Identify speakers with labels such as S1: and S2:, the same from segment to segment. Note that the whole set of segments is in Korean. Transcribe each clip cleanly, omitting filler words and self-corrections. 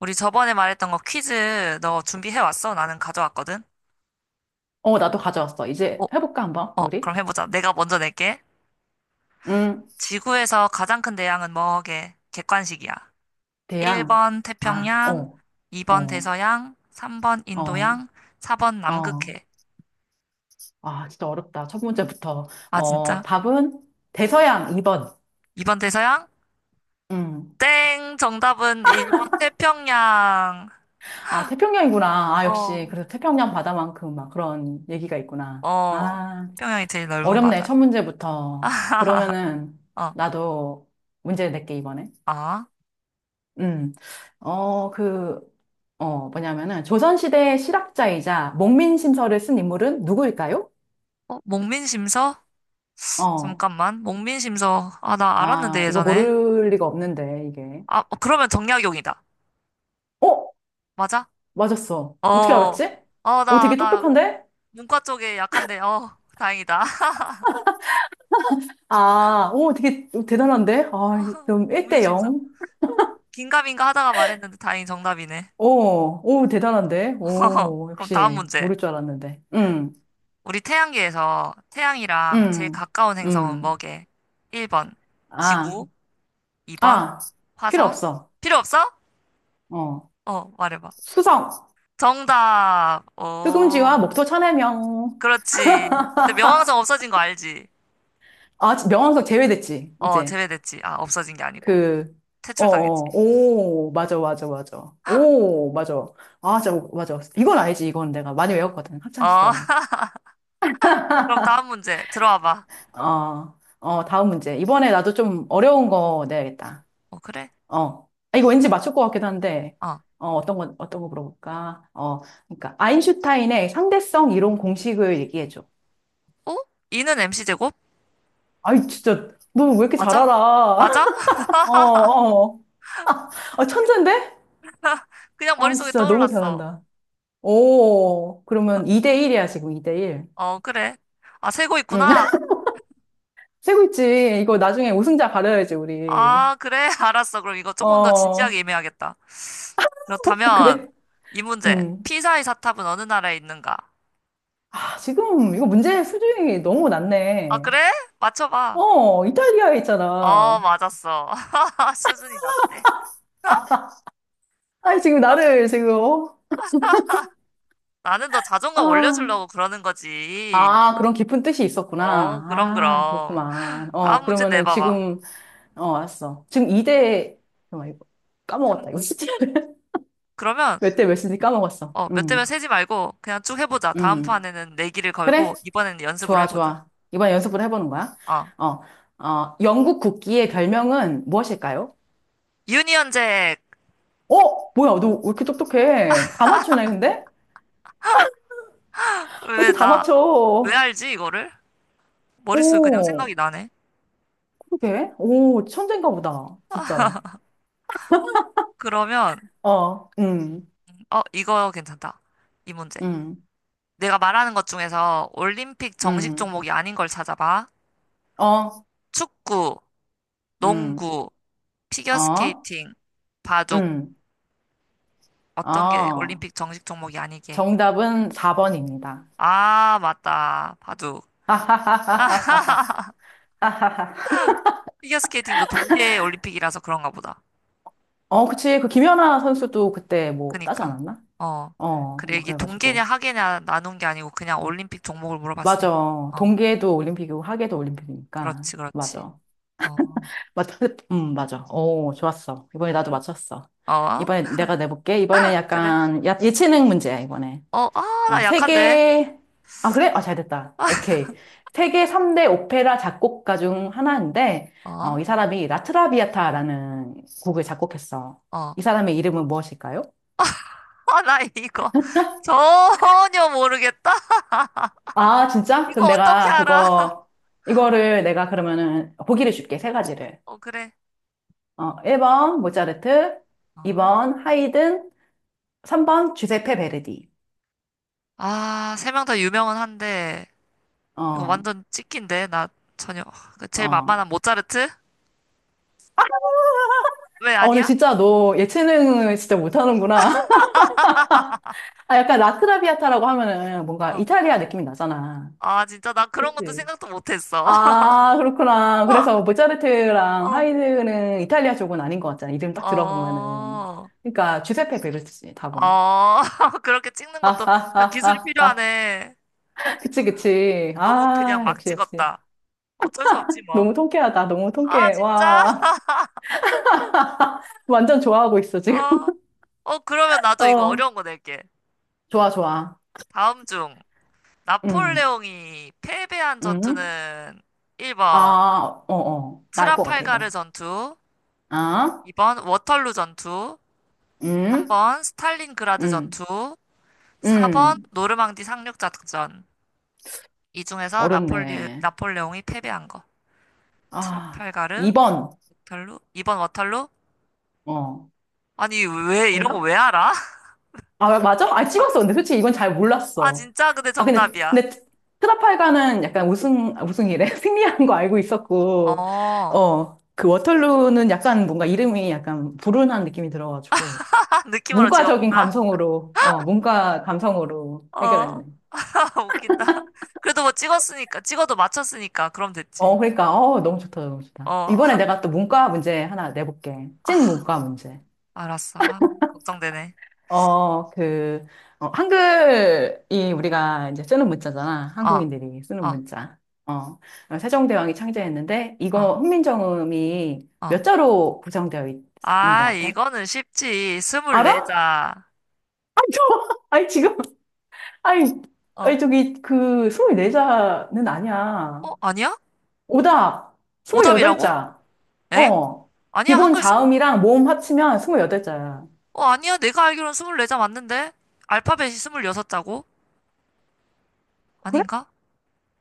S1: 우리 저번에 말했던 거 퀴즈 너 준비해 왔어? 나는 가져왔거든.
S2: 나도 가져왔어.
S1: 어,
S2: 이제 해볼까, 한번,
S1: 어,
S2: 우리?
S1: 그럼 해보자. 내가 먼저 낼게.
S2: 음,
S1: 지구에서 가장 큰 대양은 뭐게? 객관식이야.
S2: 대양.
S1: 1번
S2: 아,
S1: 태평양,
S2: 어,
S1: 2번
S2: 어,
S1: 대서양, 3번
S2: 어,
S1: 인도양, 4번
S2: 어.
S1: 남극해.
S2: 아, 진짜 어렵다. 첫 문제부터.
S1: 아,
S2: 어,
S1: 진짜?
S2: 답은 대서양 2번.
S1: 2번 대서양?
S2: 음.
S1: 땡! 정답은 1번 태평양.
S2: 아, 태평양이구나. 아, 역시.
S1: 어,
S2: 그래서 태평양 바다만큼 막 그런 얘기가 있구나.
S1: 어,
S2: 아,
S1: 태평양이 제일 넓은
S2: 어렵네. 첫
S1: 바다래.
S2: 문제부터. 그러면은,
S1: 어,
S2: 나도 문제 낼게, 이번에.
S1: 아,
S2: 음, 어, 그, 뭐냐면은, 조선시대의 실학자이자 목민심서를 쓴 인물은 누구일까요?
S1: 어, 목민심서?
S2: 어,
S1: 잠깐만. 목민심서. 아, 나 알았는데,
S2: 아, 이거
S1: 예전에.
S2: 모를 리가 없는데, 이게.
S1: 아, 어, 그러면 정약용이다.
S2: 어?
S1: 맞아?
S2: 맞았어.
S1: 어.
S2: 어떻게 알았지?
S1: 어,
S2: 오,
S1: 나,
S2: 되게
S1: 나,
S2: 똑똑한데?
S1: 문과 쪽에 약한데, 어, 다행이다.
S2: 아, 오, 되게 대단한데? 아,
S1: 어,
S2: 그럼 1대
S1: 목민심서.
S2: 0.
S1: 긴가민가 하다가 말했는데 다행히 정답이네.
S2: 오, 오, 대단한데? 오,
S1: 그럼 다음
S2: 역시,
S1: 문제.
S2: 모를 줄 알았는데.
S1: 우리 태양계에서 태양이랑 제일
S2: 음,
S1: 가까운 행성은
S2: 음.
S1: 뭐게? 1번,
S2: 아,
S1: 지구. 2번,
S2: 아, 필요
S1: 화성.
S2: 없어.
S1: 필요 없어?
S2: 어,
S1: 어, 말해봐.
S2: 수성.
S1: 정답.
S2: 뜨금지와
S1: 오,
S2: 목토 천해명.
S1: 그렇지. 그때 명왕성 없어진 거 알지?
S2: 아, 명왕석 제외됐지,
S1: 어,
S2: 이제.
S1: 제외됐지. 아, 없어진 게 아니고.
S2: 그,
S1: 퇴출당했지.
S2: 어, 오, 맞아, 맞아, 맞아. 오, 맞아. 아, 진짜, 맞아. 이건 알지, 이건 내가 많이 외웠거든,
S1: 어,
S2: 학창시절에.
S1: 그럼 다음 문제 들어와 봐.
S2: 어, 어, 다음 문제. 이번에 나도 좀 어려운 거 내야겠다.
S1: 어, 그래?
S2: 어. 아, 이거 왠지 맞출 것 같기도 한데,
S1: 어.
S2: 어떤 거, 어떤 거 물어볼까? 그러니까, 아인슈타인의 상대성 이론 공식을 얘기해줘.
S1: 어? 이는 MC 제곱?
S2: 아이, 진짜, 너 왜 이렇게 잘
S1: 맞아?
S2: 알아?
S1: 맞아?
S2: 어, 어. 아, 천재인데?
S1: 그냥
S2: 어,
S1: 머릿속에
S2: 진짜 너무
S1: 떠올랐어.
S2: 잘한다. 오, 그러면 2대1이야, 지금 2대1.
S1: 어, 그래. 아, 세고
S2: 응.
S1: 있구나.
S2: 세고 있지. 이거 나중에 우승자 가려야지, 우리.
S1: 아, 그래. 알았어. 그럼 이거
S2: 어,
S1: 조금 더
S2: 아,
S1: 진지하게 임해야겠다. 그렇다면,
S2: 그래?
S1: 이 문제.
S2: 응.
S1: 피사의 사탑은 어느 나라에 있는가?
S2: 아, 지금 이거 문제 수준이 너무
S1: 아,
S2: 낮네.
S1: 그래? 맞춰봐.
S2: 어, 이탈리아에
S1: 어,
S2: 있잖아.
S1: 맞았어. 수준이 낮대.
S2: 아, 지금
S1: 그럼
S2: 나를 지금, 어?
S1: 나는 너 자존감
S2: 아,
S1: 올려주려고 그러는 거지.
S2: 아, 그런 깊은 뜻이
S1: 어,
S2: 있었구나.
S1: 그럼,
S2: 아,
S1: 그럼.
S2: 그렇구만.
S1: 다음 문제
S2: 그러면은
S1: 내봐봐.
S2: 지금 알았어. 지금 2대, 잠깐만, 이거 까먹었다.
S1: 삼-
S2: 이거 진짜.
S1: 그러면,
S2: 몇 대 몇인지 까먹었어.
S1: 어, 몇 대면 세지 말고, 그냥 쭉 해보자. 다음
S2: 음.
S1: 판에는 내기를
S2: 그래?
S1: 걸고, 이번에는 연습으로
S2: 좋아,
S1: 해보자.
S2: 좋아. 이번에 연습을 해보는 거야.
S1: 어.
S2: 어, 영국 국기의 별명은 무엇일까요?
S1: 유니언잭!
S2: 어? 뭐야, 너 왜 이렇게 똑똑해? 다 맞추네, 근데? 왜
S1: 왜
S2: 이렇게 다
S1: 나, 왜
S2: 맞춰?
S1: 알지, 이거를? 머릿속에 그냥
S2: 오,
S1: 생각이 나네.
S2: 그러게. 오, 천재인가 보다. 진짜.
S1: 그러면,
S2: 어,
S1: 어, 이거 괜찮다. 이 문제.
S2: 음,
S1: 내가 말하는 것 중에서 올림픽 정식
S2: 음,
S1: 종목이 아닌 걸 찾아봐.
S2: 어,
S1: 축구,
S2: 음,
S1: 농구,
S2: 어,
S1: 피겨스케이팅, 바둑.
S2: 음,
S1: 어떤 게
S2: 어.
S1: 올림픽 정식 종목이 아니게?
S2: 정답은 4번입니다.
S1: 아, 맞다. 바둑. 피겨스케이팅도 동계 올림픽이라서 그런가 보다.
S2: 어, 그치. 그 김연아 선수도 그때 뭐 따지
S1: 그니까.
S2: 않았나?
S1: 어. 그래,
S2: 뭐
S1: 이게
S2: 그래가지고.
S1: 동계냐 하계냐 나눈 게 아니고 그냥 올림픽 종목을 물어봤으니까.
S2: 맞아.
S1: 어,
S2: 동계도 올림픽이고 하계도
S1: 어.
S2: 올림픽이니까.
S1: 그렇지, 그렇지.
S2: 맞아.
S1: 어,
S2: 맞아. 맞아. 오, 좋았어. 이번에
S1: 응?
S2: 나도 맞췄어.
S1: 어?
S2: 이번에 내가 내볼게. 이번에
S1: 그래.
S2: 약간 예체능 문제야, 이번에.
S1: 어, 아, 나 약한데.
S2: 세계, 아, 그래? 아, 잘 됐다. 오케이. 세계 3대 오페라 작곡가 중 하나인데,
S1: 어, 어.
S2: 이 사람이 라트라비아타라는 곡을 작곡했어. 이 사람의 이름은 무엇일까요?
S1: 아, 나 이거 전혀 모르겠다.
S2: 아, 진짜? 그럼
S1: 이거 어떻게
S2: 내가
S1: 알아?
S2: 그거, 이거를 내가 그러면은 보기를
S1: 어,
S2: 줄게, 세 가지를.
S1: 어, 그래.
S2: 1번 모차르트,
S1: 어.
S2: 2번 하이든, 3번 주세페 베르디.
S1: 아, 3명 다 유명은 한데. 이거
S2: 어,
S1: 완전 찍힌데 나 전혀 그 제일
S2: 어.
S1: 만만한 모차르트? 왜
S2: 근데
S1: 아니야?
S2: 진짜 너 예체능을 진짜 못하는구나. 아, 약간 라크라비아타라고 하면은 뭔가
S1: 어.
S2: 이탈리아 느낌이 나잖아.
S1: 아 진짜 나 그런 것도
S2: 그치?
S1: 생각도 못했어.
S2: 아, 그렇구나. 그래서 모차르트랑
S1: 어.
S2: 하이드는 이탈리아 쪽은 아닌 것 같잖아. 이름
S1: 어.
S2: 딱 들어보면은.
S1: 어.
S2: 그러니까 주세페 베르투지, 답은.
S1: 그렇게 찍는
S2: 아,
S1: 것도 다
S2: 아,
S1: 기술이
S2: 아, 아,
S1: 필요하네.
S2: 아. 그치, 그치.
S1: 너무 그냥
S2: 아,
S1: 막
S2: 역시, 역시.
S1: 찍었다. 어쩔 수 없지 뭐.
S2: 너무 통쾌하다. 너무
S1: 아
S2: 통쾌해.
S1: 진짜?
S2: 와, 완전 좋아하고 있어, 지금.
S1: 어. 어 그러면 나도 이거
S2: 어,
S1: 어려운 거 낼게.
S2: 좋아, 좋아.
S1: 다음 중
S2: 음,
S1: 나폴레옹이 패배한
S2: 음.
S1: 전투는
S2: 아,
S1: 1번
S2: 나 알 것 같아,
S1: 트라팔가르
S2: 이거.
S1: 전투,
S2: 아,
S1: 2번 워털루 전투,
S2: 음,
S1: 3번 스탈린그라드
S2: 음,
S1: 전투, 4번
S2: 음.
S1: 노르망디 상륙 작전. 이 중에서
S2: 어렵네.
S1: 나폴레옹이 패배한 거.
S2: 아,
S1: 트라팔가르,
S2: 2번.
S1: 워털루, 2번 워털루?
S2: 어,
S1: 아니, 왜, 이런 거
S2: 정답?
S1: 왜 알아?
S2: 아, 맞아? 아,
S1: 정답.
S2: 찍었어. 근데 솔직히 이건 잘
S1: 아,
S2: 몰랐어.
S1: 진짜? 근데
S2: 아,
S1: 정답이야.
S2: 트라팔가는 약간 우승, 아, 우승이래. 승리한 거 알고 있었고,
S1: 어,
S2: 그 워털루는 약간 뭔가 이름이 약간 불운한 느낌이 들어가지고,
S1: 아, 느낌으로
S2: 문과적인
S1: 찍었구나.
S2: 감성으로, 문과 감성으로
S1: 어,
S2: 해결했네.
S1: 웃긴다. 그래도 뭐 찍었으니까, 찍어도 맞췄으니까, 그럼 됐지.
S2: 어, 그러니까, 너무 좋다, 너무 좋다.
S1: 어,
S2: 이번에 내가 또 문과 문제 하나 내볼게. 찐
S1: 아,
S2: 문과 문제.
S1: 알았어. 아, 걱정되네.
S2: 어, 그, 한글이 우리가 이제 쓰는 문자잖아.
S1: 어,
S2: 한국인들이 쓰는
S1: 어,
S2: 문자. 어, 세종대왕이 창제했는데,
S1: 어,
S2: 이거 훈민정음이
S1: 어.
S2: 몇 자로 구성되어 있는 것
S1: 아,
S2: 같아?
S1: 이거는 쉽지. 스물네
S2: 알아?
S1: 자
S2: 아니, 지금, 아니, 아니,
S1: 어,
S2: 저기, 그, 24자는 아니야.
S1: 어, 아니야?
S2: 오답,
S1: 오답이라고?
S2: 28자.
S1: 엥?
S2: 어,
S1: 아니야,
S2: 기본 자음이랑 모음 합치면 28자야.
S1: 어, 아니야, 내가 알기로는 24자 맞는데? 알파벳이 스물여섯 자고?
S2: 그래?
S1: 아닌가?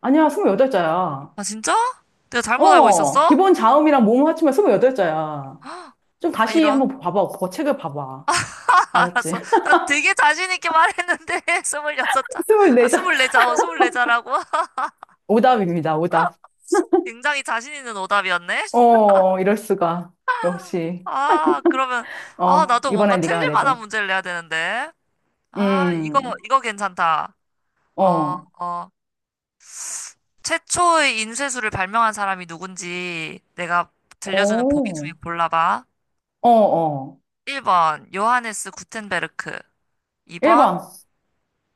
S2: 아니야, 28자야.
S1: 아, 진짜? 내가 잘못 알고 있었어?
S2: 기본 자음이랑 모음 합치면 28자야. 좀
S1: 아,
S2: 다시
S1: 이런.
S2: 한번 봐봐. 그거 책을 봐봐. 알았지?
S1: 알았어. 나 되게 자신있게 말했는데, 26자. 아,
S2: 24장.
S1: 스물네 자, 어, 스물네 자라고?
S2: 오답입니다. 오답.
S1: 굉장히 자신있는 오답이었네?
S2: 어, 이럴 수가. 역시.
S1: 아, 그러면, 아,
S2: 어,
S1: 나도 뭔가
S2: 이번엔 네가
S1: 틀릴 만한
S2: 내줘.
S1: 문제를 내야 되는데. 아, 이거,
S2: 음.
S1: 이거 괜찮다. 어,
S2: 어.
S1: 어. 최초의 인쇄술을 발명한 사람이 누군지 내가 들려주는 보기
S2: 어.
S1: 중에 골라봐.
S2: 어, 어.
S1: 1번, 요하네스 구텐베르크. 2번,
S2: 1번.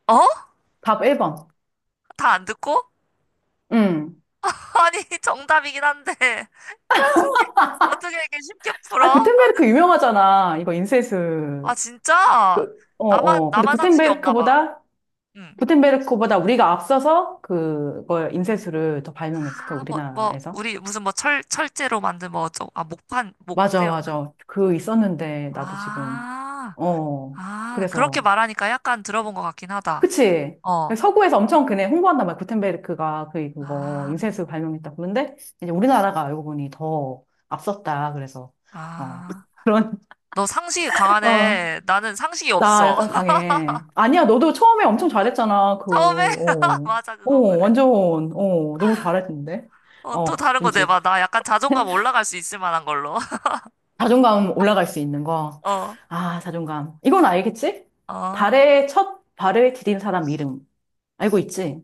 S1: 어?
S2: 답 1번.
S1: 다 안 듣고?
S2: 음.
S1: 아니, 정답이긴 한데. 어떻게, 어떻게 이렇게 쉽게
S2: 아,
S1: 풀어? 나는,
S2: 구텐베르크 유명하잖아. 이거 인쇄술.
S1: 아, 진짜? 나만,
S2: 근데
S1: 나만 상식이 없나 봐.
S2: 구텐베르크보다
S1: 응.
S2: 구텐베르크보다 우리가 앞서서 그걸 인쇄술을 더 발명했을까
S1: 아, 뭐,
S2: 우리나라에서?
S1: 우리 무슨 뭐 철제로 만든 뭐 어쩌고, 아,
S2: 맞아,
S1: 목재였나?
S2: 맞아. 그 있었는데 나도 지금
S1: 아,
S2: 어,
S1: 아, 그렇게
S2: 그래서,
S1: 말하니까 약간 들어본 것 같긴 하다.
S2: 그치.
S1: 어.
S2: 서구에서 엄청 그네 홍보한단 말이야. 구텐베르크가 그, 그거,
S1: 아.
S2: 인쇄술 발명했다고. 그런데 이제 우리나라가 알고 보니 더 앞섰다. 어,
S1: 아,
S2: 그런,
S1: 너 상식이
S2: 어,
S1: 강하네. 나는 상식이
S2: 나
S1: 없어.
S2: 약간 강해. 아니야, 너도 처음에 엄청 잘했잖아.
S1: 처음에? 맞아,
S2: 어,
S1: 그건 그래.
S2: 완전, 너무 잘했는데.
S1: 어, 또
S2: 어,
S1: 다른 거
S2: 왠지
S1: 내봐. 나 약간 자존감 올라갈 수 있을 만한 걸로.
S2: 자존감 올라갈 수 있는 거.
S1: 어,
S2: 아, 자존감. 이건 알겠지? 달
S1: 어.
S2: 에 첫 발을 디딘 사람 이름. 알고 있지?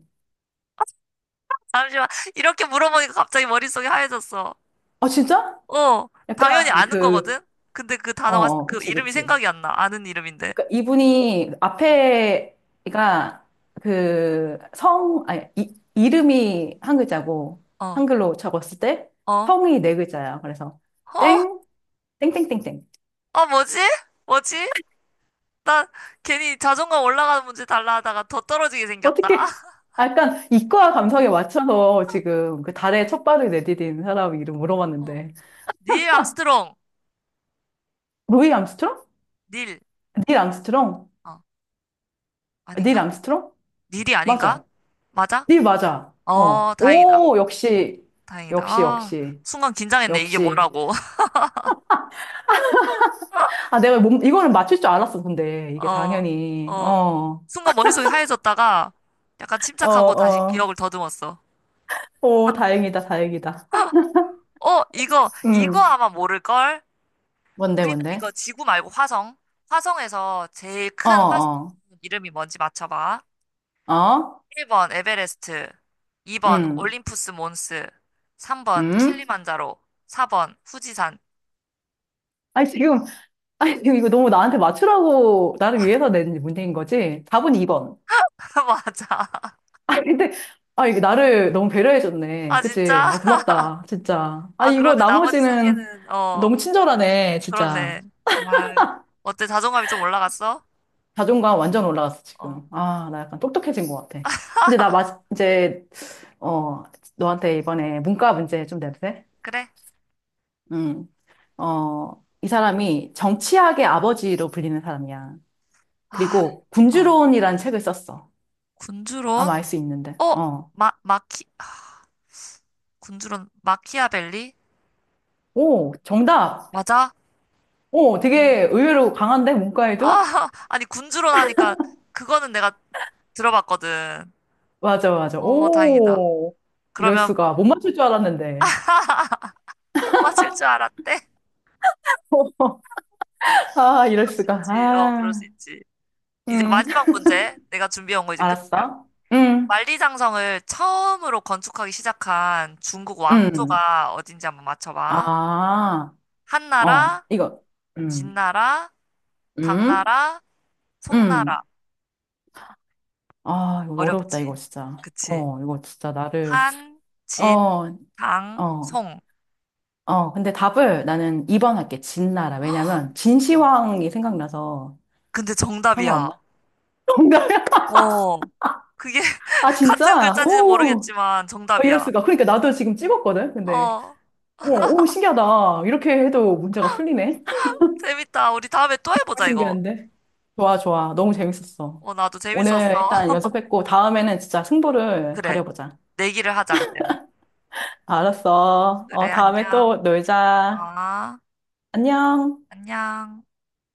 S1: 잠시만. 이렇게 물어보니까 갑자기 머릿속이 하얘졌어.
S2: 아, 진짜?
S1: 어, 당연히
S2: 약간
S1: 아는
S2: 그,
S1: 거거든? 근데 그
S2: 어,
S1: 단어가,
S2: 어,
S1: 그
S2: 그치,
S1: 이름이
S2: 그치.
S1: 생각이 안 나. 아는 이름인데.
S2: 그러니까 이분이 앞에가 그 성, 아니, 이름이 한 글자고,
S1: 어,
S2: 한글로 적었을 때
S1: 어, 어,
S2: 성이 네 글자야. 그래서 땡, 땡땡땡땡.
S1: 어, 뭐지? 뭐지? 나 괜히 자존감 올라가는 문제 달라 하다가 더 떨어지게 생겼다.
S2: 어떻게, 아, 약간 이과 감성에 맞춰서 지금 그 달에
S1: 어,
S2: 첫 발을 내디딘 사람 이름
S1: 어.
S2: 물어봤는데.
S1: 닐 암스트롱.
S2: 루이 암스트롱?
S1: 닐.
S2: 닐 암스트롱?
S1: 어,
S2: 아, 닐
S1: 아닌가?
S2: 암스트롱?
S1: 니디 아닌가?
S2: 맞아.
S1: 맞아?
S2: 닐 맞아.
S1: 어,
S2: 어.
S1: 다행이다.
S2: 오, 역시,
S1: 다행이다.
S2: 역시,
S1: 아,
S2: 역시.
S1: 순간 긴장했네. 이게
S2: 역시.
S1: 뭐라고.
S2: 아, 내가 몸, 이거는 맞출 줄 알았어, 근데. 이게
S1: 어,
S2: 당연히.
S1: 어.
S2: 어,
S1: 순간 머릿속이 하얘졌다가 약간
S2: 어,
S1: 침착하고 다시
S2: 어.
S1: 기억을 더듬었어.
S2: 오, 다행이다, 다행이다.
S1: 어, 이거,
S2: 음.
S1: 이거 아마 모를걸?
S2: 뭔데, 뭔데?
S1: 이거 지구 말고 화성. 화성에서 제일
S2: 어,
S1: 큰 화성
S2: 어,
S1: 이름이 뭔지 맞춰봐.
S2: 어?
S1: 1번 에베레스트, 2번
S2: 음,
S1: 올림푸스 몬스, 3번
S2: 음?
S1: 킬리만자로, 4번 후지산.
S2: 아니, 지금, 아니, 지금 이거 너무 나한테 맞추라고, 나를 위해서 낸 문제인 거지? 답은 2번.
S1: 맞아.
S2: 아, 근데, 아, 이게 나를 너무 배려해줬네.
S1: 아,
S2: 그치?
S1: 진짜?
S2: 아, 고맙다. 진짜. 아,
S1: 아,
S2: 이거
S1: 그런데 나머지 세
S2: 나머지는
S1: 개는, 어,
S2: 너무 친절하네, 진짜.
S1: 그렇네. 아, 어때? 자존감이 좀 올라갔어?
S2: 자존감 완전 올라갔어,
S1: 어,
S2: 지금. 아, 나 약간 똑똑해진 것 같아. 근데 나 마, 이제, 어, 너한테 이번에 문과 문제 좀 내도 돼?
S1: 그래?
S2: 음. 이 사람이 정치학의 아버지로 불리는 사람이야.
S1: 아,
S2: 그리고
S1: 어,
S2: 군주론이라는 책을 썼어. 아마
S1: 군주론?
S2: 알 수 있는데.
S1: 어,
S2: 어.
S1: 아, 군주론, 마키아벨리?
S2: 오, 정답!
S1: 맞아?
S2: 오,
S1: 음.
S2: 되게 의외로 강한데,
S1: 아,
S2: 문과에도?
S1: 아니, 군주론 하니까, 그거는 내가 들어봤거든.
S2: 맞아, 맞아.
S1: 어, 다행이다.
S2: 오, 이럴
S1: 그러면
S2: 수가. 못 맞출 줄 알았는데.
S1: 못 맞힐 줄 알았대?
S2: 아, 이럴
S1: 그럴 수
S2: 수가.
S1: 있지. 어, 그럴 수
S2: 아,
S1: 있지. 이제
S2: 음,
S1: 마지막 문제. 내가 준비한 거 이제 끝이야.
S2: 알았어. 음.
S1: 만리장성을 처음으로 건축하기 시작한 중국
S2: 음,
S1: 왕조가 어딘지 한번 맞춰봐.
S2: 아, 어,
S1: 한나라,
S2: 이거, 음,
S1: 진나라,
S2: 음,
S1: 당나라,
S2: 음,
S1: 송나라.
S2: 아, 이거 어려웠다, 이거
S1: 어렵지?
S2: 진짜.
S1: 그치?
S2: 어, 이거 진짜 나를,
S1: 한, 진,
S2: 어,
S1: 당,
S2: 어,
S1: 송.
S2: 어, 근데 답을 나는 2번 할게, 진나라. 왜냐면,
S1: 어.
S2: 진시황이 생각나서
S1: 근데 정답이야.
S2: 상관없나? 뭔가,
S1: 어. 그게
S2: 아,
S1: 같은
S2: 진짜?
S1: 글자인지는
S2: 오,
S1: 모르겠지만
S2: 어, 이럴
S1: 정답이야.
S2: 수가. 그러니까 나도 지금 찍었거든, 근데.
S1: 어.
S2: 어, 오, 신기하다. 이렇게 해도 문제가 풀리네.
S1: 재밌다. 우리 다음에 또
S2: 정말
S1: 해보자, 이거.
S2: 신기한데? 좋아, 좋아. 너무
S1: 어,
S2: 재밌었어.
S1: 어, 나도
S2: 오늘
S1: 재밌었어.
S2: 일단 연습했고, 다음에는 진짜 승부를
S1: 그래.
S2: 가려보자.
S1: 내기를 하자, 그때는.
S2: 알았어.
S1: 그래,
S2: 어, 다음에 또
S1: 안녕.
S2: 놀자.
S1: 아,
S2: 안녕.
S1: 안녕.